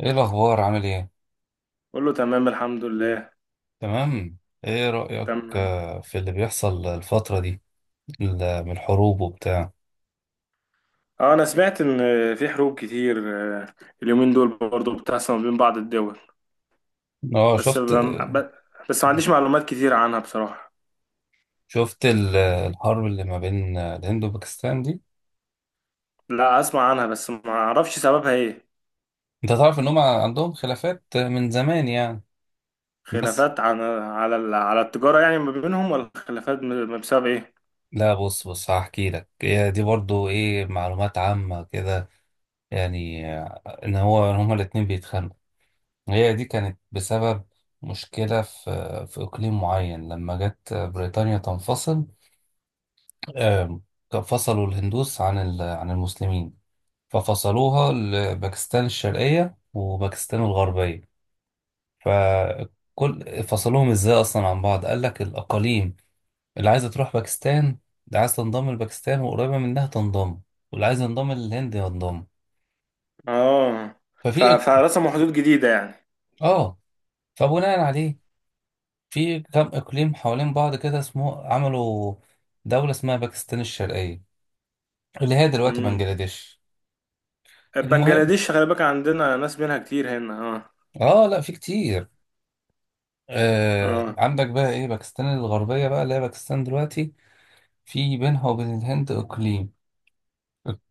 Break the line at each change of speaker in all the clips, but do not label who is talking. ايه الاخبار؟ عامل ايه؟
كله تمام الحمد لله.
تمام. ايه رايك؟
تمام.
في اللي بيحصل الفتره دي، من الحروب وبتاع.
اه، انا سمعت ان في حروب كتير، آه، اليومين دول برضو بتحصل ما بين بعض الدول.
اه،
بس
شفت.
ب- ب- بس ما عنديش معلومات كتير عنها بصراحة.
شفت الحرب اللي ما بين الهند وباكستان دي.
لا، اسمع عنها بس ما اعرفش سببها ايه.
انت تعرف ان هم عندهم خلافات من زمان يعني. بس،
خلافات على على التجارة يعني ما بينهم، ولا خلافات بسبب ايه؟
لا بص بص هحكي لك، هي دي برضو ايه، معلومات عامه كده. يعني ان هو إن هما الاتنين بيتخانقوا. هي دي كانت بسبب مشكله في اقليم معين لما جت بريطانيا تنفصل. آم، فصلوا الهندوس عن عن المسلمين، ففصلوها لباكستان الشرقية وباكستان الغربية. فصلوهم ازاي اصلا عن بعض؟ قال لك الاقاليم اللي عايزة تروح باكستان، اللي عايز تنضم لباكستان وقريبة منها تنضم، واللي عايز ينضم للهند ينضم.
اه،
ففي إق-
فرسموا حدود جديدة يعني.
اه، فبناء عليه في كام اقليم حوالين بعض كده اسمه، عملوا دولة اسمها باكستان الشرقية اللي هي دلوقتي
امم
بنجلاديش. المهم،
بنجلاديش، خلي بالك عندنا ناس منها كتير هنا. اه.
اه لا في كتير. آه،
اه.
عندك بقى ايه، باكستان الغربية بقى اللي هي باكستان دلوقتي. في بينها وبين الهند اقليم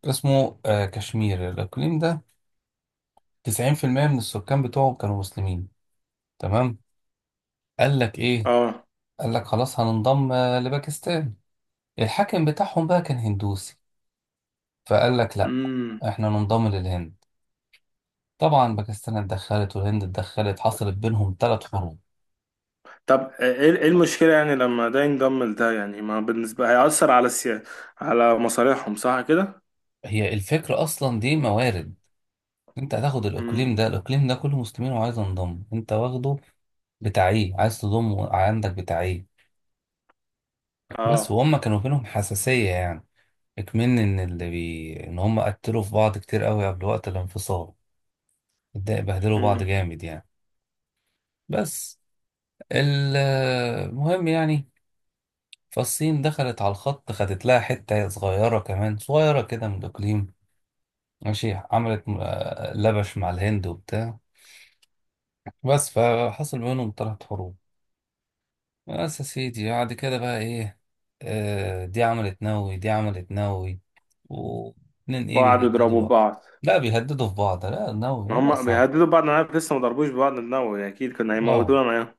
اسمه آه كشمير. الاقليم ده 90% من السكان بتوعه كانوا مسلمين، تمام. قال لك ايه؟
اه.
قال لك خلاص هننضم لباكستان. الحاكم بتاعهم بقى كان هندوسي، فقال لك لا،
امم.
احنا ننضم للهند. طبعا باكستان اتدخلت والهند اتدخلت، حصلت بينهم ثلاث حروب.
طب، ايه، إيه المشكلة يعني لما ده ينضم لده؟ يعني ما بالنسبة هيأثر على على مصالحهم، صح كده؟
هي الفكرة اصلا دي موارد، انت هتاخد
امم.
الاقليم ده، الاقليم ده كله مسلمين وعايز انضم، انت واخده بتاعيه، عايز تضمه عندك بتاعيه. بس
اه.
وهم كانوا بينهم حساسية يعني، اكمن ان هم قتلوا في بعض كتير قوي قبل وقت الانفصال. بهدلوا بعض
امم.
جامد يعني. بس. ال- المهم يعني، فالصين دخلت على الخط، خدت لها حتة صغيرة كمان، صغيرة كده من الإقليم، ماشي. عملت لبش مع الهند وبتاع. بس فحصل بينهم، طلعت حروب. بس يا سيدي بعد كده بقى ايه؟ آه، دي عملت نووي، دي عملت نووي، واتنين ايه
وقعدوا
بيهددوا
يضربوا
بعض.
بعض.
لا بيهددوا في بعض، لا نووي يا
ما هم
ناقصة.
بيهددوا بعض، انا عارف لسه ما ضربوش بعض بنووي، اكيد كنا
اه.
هيموتونا معاهم.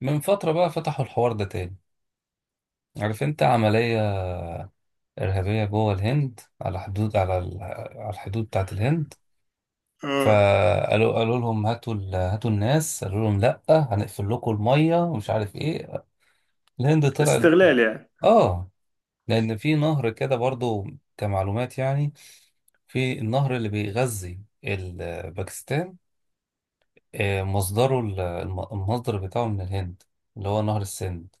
من فترة بقى فتحوا الحوار ده تاني. عارف انت عملية إرهابية جوه الهند على حدود، على على الحدود بتاعت الهند.
اه،
فقالوا، قالوا لهم هاتوا هاتوا الناس، قالوا لهم لا، هنقفل لكم المية ومش عارف ايه. الهند طلعت
استغلال يعني.
اه، لأن في نهر كده برضو، كمعلومات يعني. في النهر اللي بيغذي باكستان، مصدره المصدر بتاعه من الهند، اللي هو نهر السند.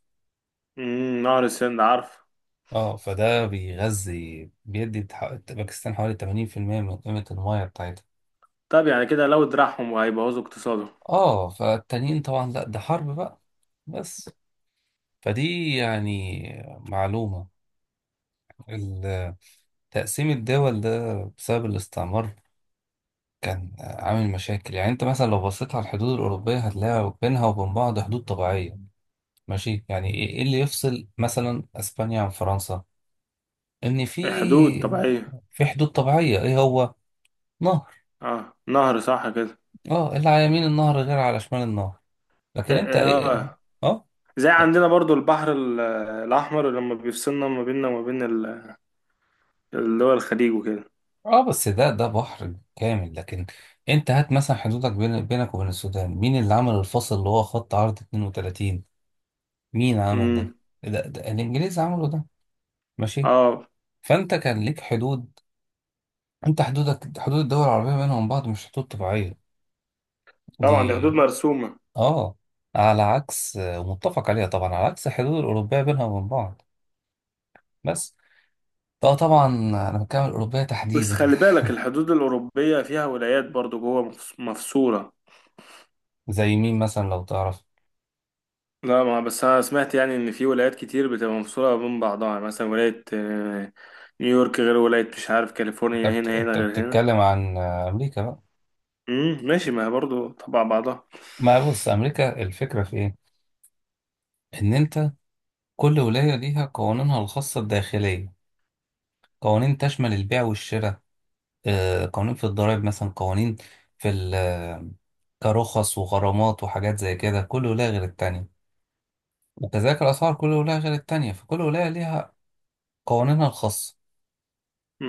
نهر السند عارف.
اه، فده بيغذي باكستان حوالي 80% من قيمة المياه بتاعتها.
طب يعني كده لو دراعهم، وهيبوظوا اقتصادهم.
اه فالتانيين طبعا لا، ده حرب بقى. بس، فدي يعني معلومة. ال- تقسيم الدول ده بسبب الاستعمار كان عامل مشاكل. يعني انت مثلا لو بصيت على الحدود الأوروبية هتلاقي بينها وبين بعض حدود طبيعية، ماشي. يعني إيه اللي يفصل مثلا اسبانيا عن فرنسا؟ ان
الحدود طبيعية.
في حدود طبيعية، ايه هو؟ نهر.
اه، نهر، صح كده.
اه، اللي على يمين النهر غير على شمال النهر.
إيه-
لكن انت
إيه،
ايه.
اه.
اه.
زي عندنا برضو البحر الأحمر لما بيفصلنا ما بيننا وما بين اللي هو الخليج وكده.
اه، بس ده بحر كامل، لكن انت هات مثلا حدودك بينك وبين السودان، مين اللي عمل الفصل اللي هو خط عرض 32؟ مين عمل ده؟
امم.
ده الانجليز عملوا ده، ماشي.
اه
فانت كان ليك حدود، انت حدودك، حدود الدول العربيه بينهم بعض، مش حدود طبيعيه
طبعا، دي حدود
دي.
مرسومة.
اه، على عكس متفق عليها، طبعا على عكس الحدود الاوروبيه بينها وبين بعض. بس. اه طبعا انا بتكلم عن الاوروبيه
بس
تحديدا.
خلي بالك الحدود الأوروبية فيها ولايات برضو جوه مفصولة.
زي مين مثلا لو تعرف؟
لا، ما بس أنا سمعت يعني إن في ولايات كتير بتبقى مفصولة بين بعضها، يعني مثلا ولاية نيويورك غير ولاية مش عارف كاليفورنيا، هنا
انت
غير هنا.
بتتكلم عن امريكا بقى.
ماشي، ما هي برضو تبع بعضها.
ما بص، امريكا الفكره في ايه، ان انت كل ولايه ليها قوانينها الخاصه الداخليه، قوانين تشمل البيع والشراء، قوانين في الضرائب مثلا، قوانين في كرخص وغرامات وحاجات زي كده، كل ولاية غير التانية، وكذلك الأسعار كل ولاية غير التانية، فكل ولاية ليها قوانينها الخاصة.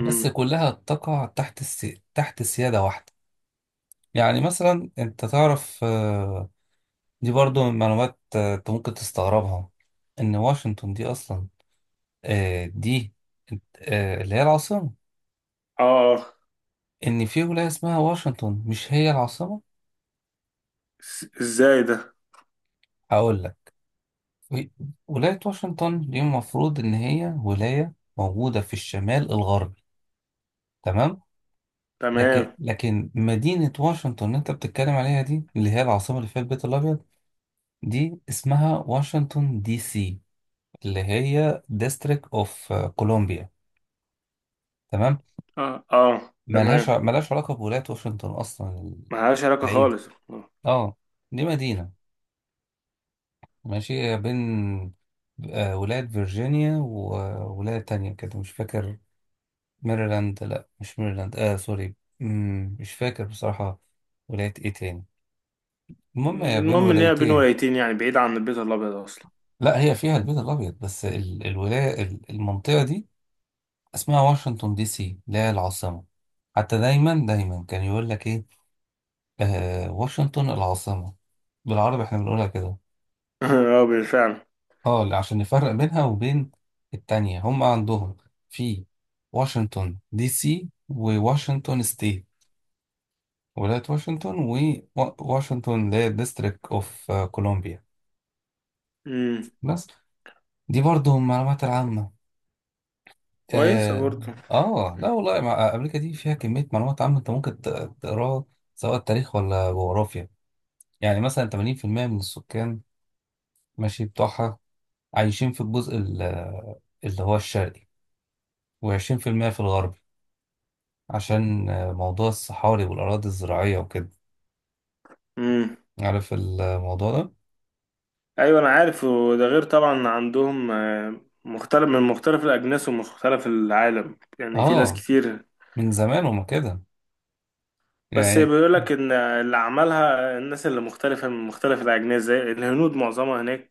بس كلها تقع تحت تحت سيادة واحدة. يعني مثلا أنت تعرف دي برضو من معلومات أنت ممكن تستغربها، إن واشنطن دي أصلا، آه، دي آه، اللي هي العاصمة،
اه. آه.
إن في ولاية اسمها واشنطن مش هي العاصمة.
ازاي ده؟
هقول لك. ولاية واشنطن دي المفروض إن هي ولاية موجودة في الشمال الغربي، تمام.
تمام.
لكن مدينة واشنطن اللي أنت بتتكلم عليها دي، اللي هي العاصمة اللي فيها البيت الأبيض، دي اسمها واشنطن دي سي اللي هي ديستريكت أوف كولومبيا، تمام.
اه. اه تمام.
ملهاش علاقة بولاية واشنطن أصلا،
ملهاش علاقة
بعيدة.
خالص، آه.
اه، دي مدينة، ماشي. هي بين ولاية فيرجينيا وولاية تانية كده مش فاكر، ميرلاند، لا مش ميرلاند. اه سوري، مش فاكر بصراحة ولاية ايه تاني. المهم هي بين
المهم إن هي بين
ولايتين.
ولايتين، يعني بعيد عن البيت الأبيض أصلا.
لا هي فيها البيت الأبيض، بس المنطقة دي اسمها واشنطن دي سي اللي هي العاصمة. حتى دايما دايما كان يقول لك ايه، آه، واشنطن العاصمة، بالعربي احنا بنقولها كده.
اه، بالفعل.
اه، عشان نفرق بينها وبين التانية. هم عندهم في واشنطن دي سي وواشنطن ستيت، ولاية واشنطن، وواشنطن اللي هي الديستريكت اوف كولومبيا. بس. دي برضه المعلومات العامة.
كويسة
اه.
برضه.
لا والله، امريكا دي فيها كمية معلومات عامة انت ممكن تقراها، سواء تاريخ ولا جغرافيا. يعني مثلا 80% من السكان ماشي بتوعها عايشين في الجزء اللي هو الشرقي، و20% في المية في الغربي، عشان موضوع الصحاري والأراضي الزراعية وكده.
امم
عارف الموضوع ده؟
ايوه انا عارف. وده غير طبعا عندهم مختلف من مختلف الاجناس ومختلف العالم، يعني في ناس
اه.
كتير.
من زمان هما كده
بس
يعني.
بيقول لك ان اللي عملها الناس اللي مختلفة من مختلف الاجناس زي الهنود معظمها هناك،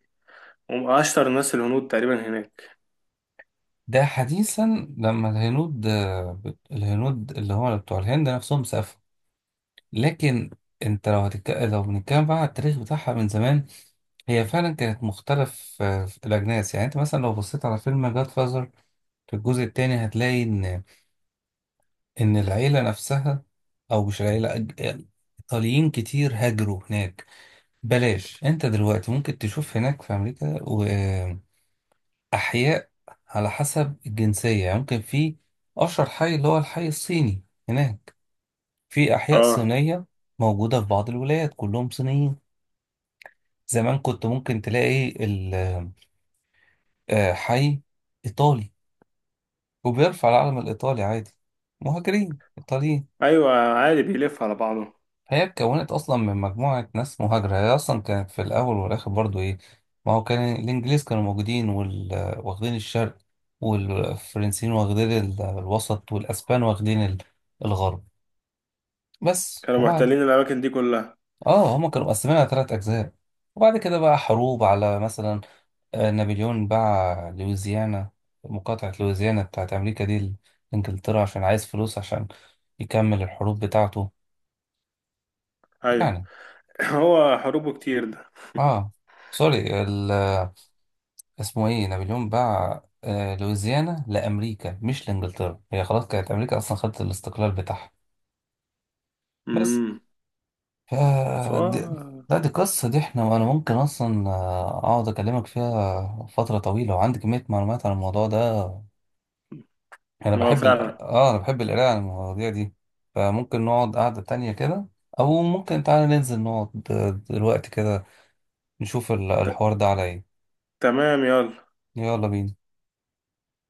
واشطر الناس الهنود تقريبا هناك.
ده حديثا لما الهنود، اللي هم بتوع الهند نفسهم سافروا. لكن انت لو لو بنتكلم بقى على التاريخ بتاعها من زمان، هي فعلا كانت مختلف في الاجناس. يعني انت مثلا لو بصيت على فيلم جاد فازر في الجزء الثاني، هتلاقي ان العيله نفسها، او مش العيله ايطاليين كتير هاجروا هناك. بلاش، انت دلوقتي ممكن تشوف هناك في امريكا أحياء على حسب الجنسية. يعني ممكن في أشهر حي اللي هو الحي الصيني هناك، في أحياء
اه.
صينية موجودة في بعض الولايات كلهم صينيين. زمان كنت ممكن تلاقي حي إيطالي وبيرفع العلم الإيطالي عادي، مهاجرين إيطاليين.
ايوه، عادي بيلف على بعضه.
هي اتكونت اصلا من مجموعه ناس مهاجره، هي اصلا كانت في الاول والاخر برضو ايه. ما هو كان الانجليز كانوا موجودين واخدين الشرق، والفرنسيين واخدين الوسط، والاسبان واخدين الغرب. بس.
كانوا
وبعد
محتلين الاماكن دي كلها.
اه، هما كانوا مقسمين على ثلاث اجزاء. وبعد كده بقى حروب على، مثلا نابليون باع لويزيانا، مقاطعه لويزيانا بتاعت امريكا دي، لانجلترا عشان عايز فلوس عشان يكمل الحروب بتاعته
ايوه.
يعني.
هو حروبه كتير ده.
اه سوري، اسمه ايه، نابليون باع لويزيانا لامريكا مش لانجلترا. هي خلاص كانت امريكا اصلا خدت الاستقلال بتاعها. بس.
امم.
ف. دي-
سواء.
لا دي قصة، دي احنا، انا ممكن اصلا اقعد اكلمك فيها فترة طويلة وعندي كمية معلومات عن الموضوع ده. انا
هو
بحب
فعلا.
اه انا بحب القراءة عن المواضيع دي. فممكن نقعد قعدة تانية كده، او ممكن تعالى ننزل نقعد دلوقتي كده، نشوف
ت-
الحوار ده على ايه.
تمام، يلا.
يلا بينا.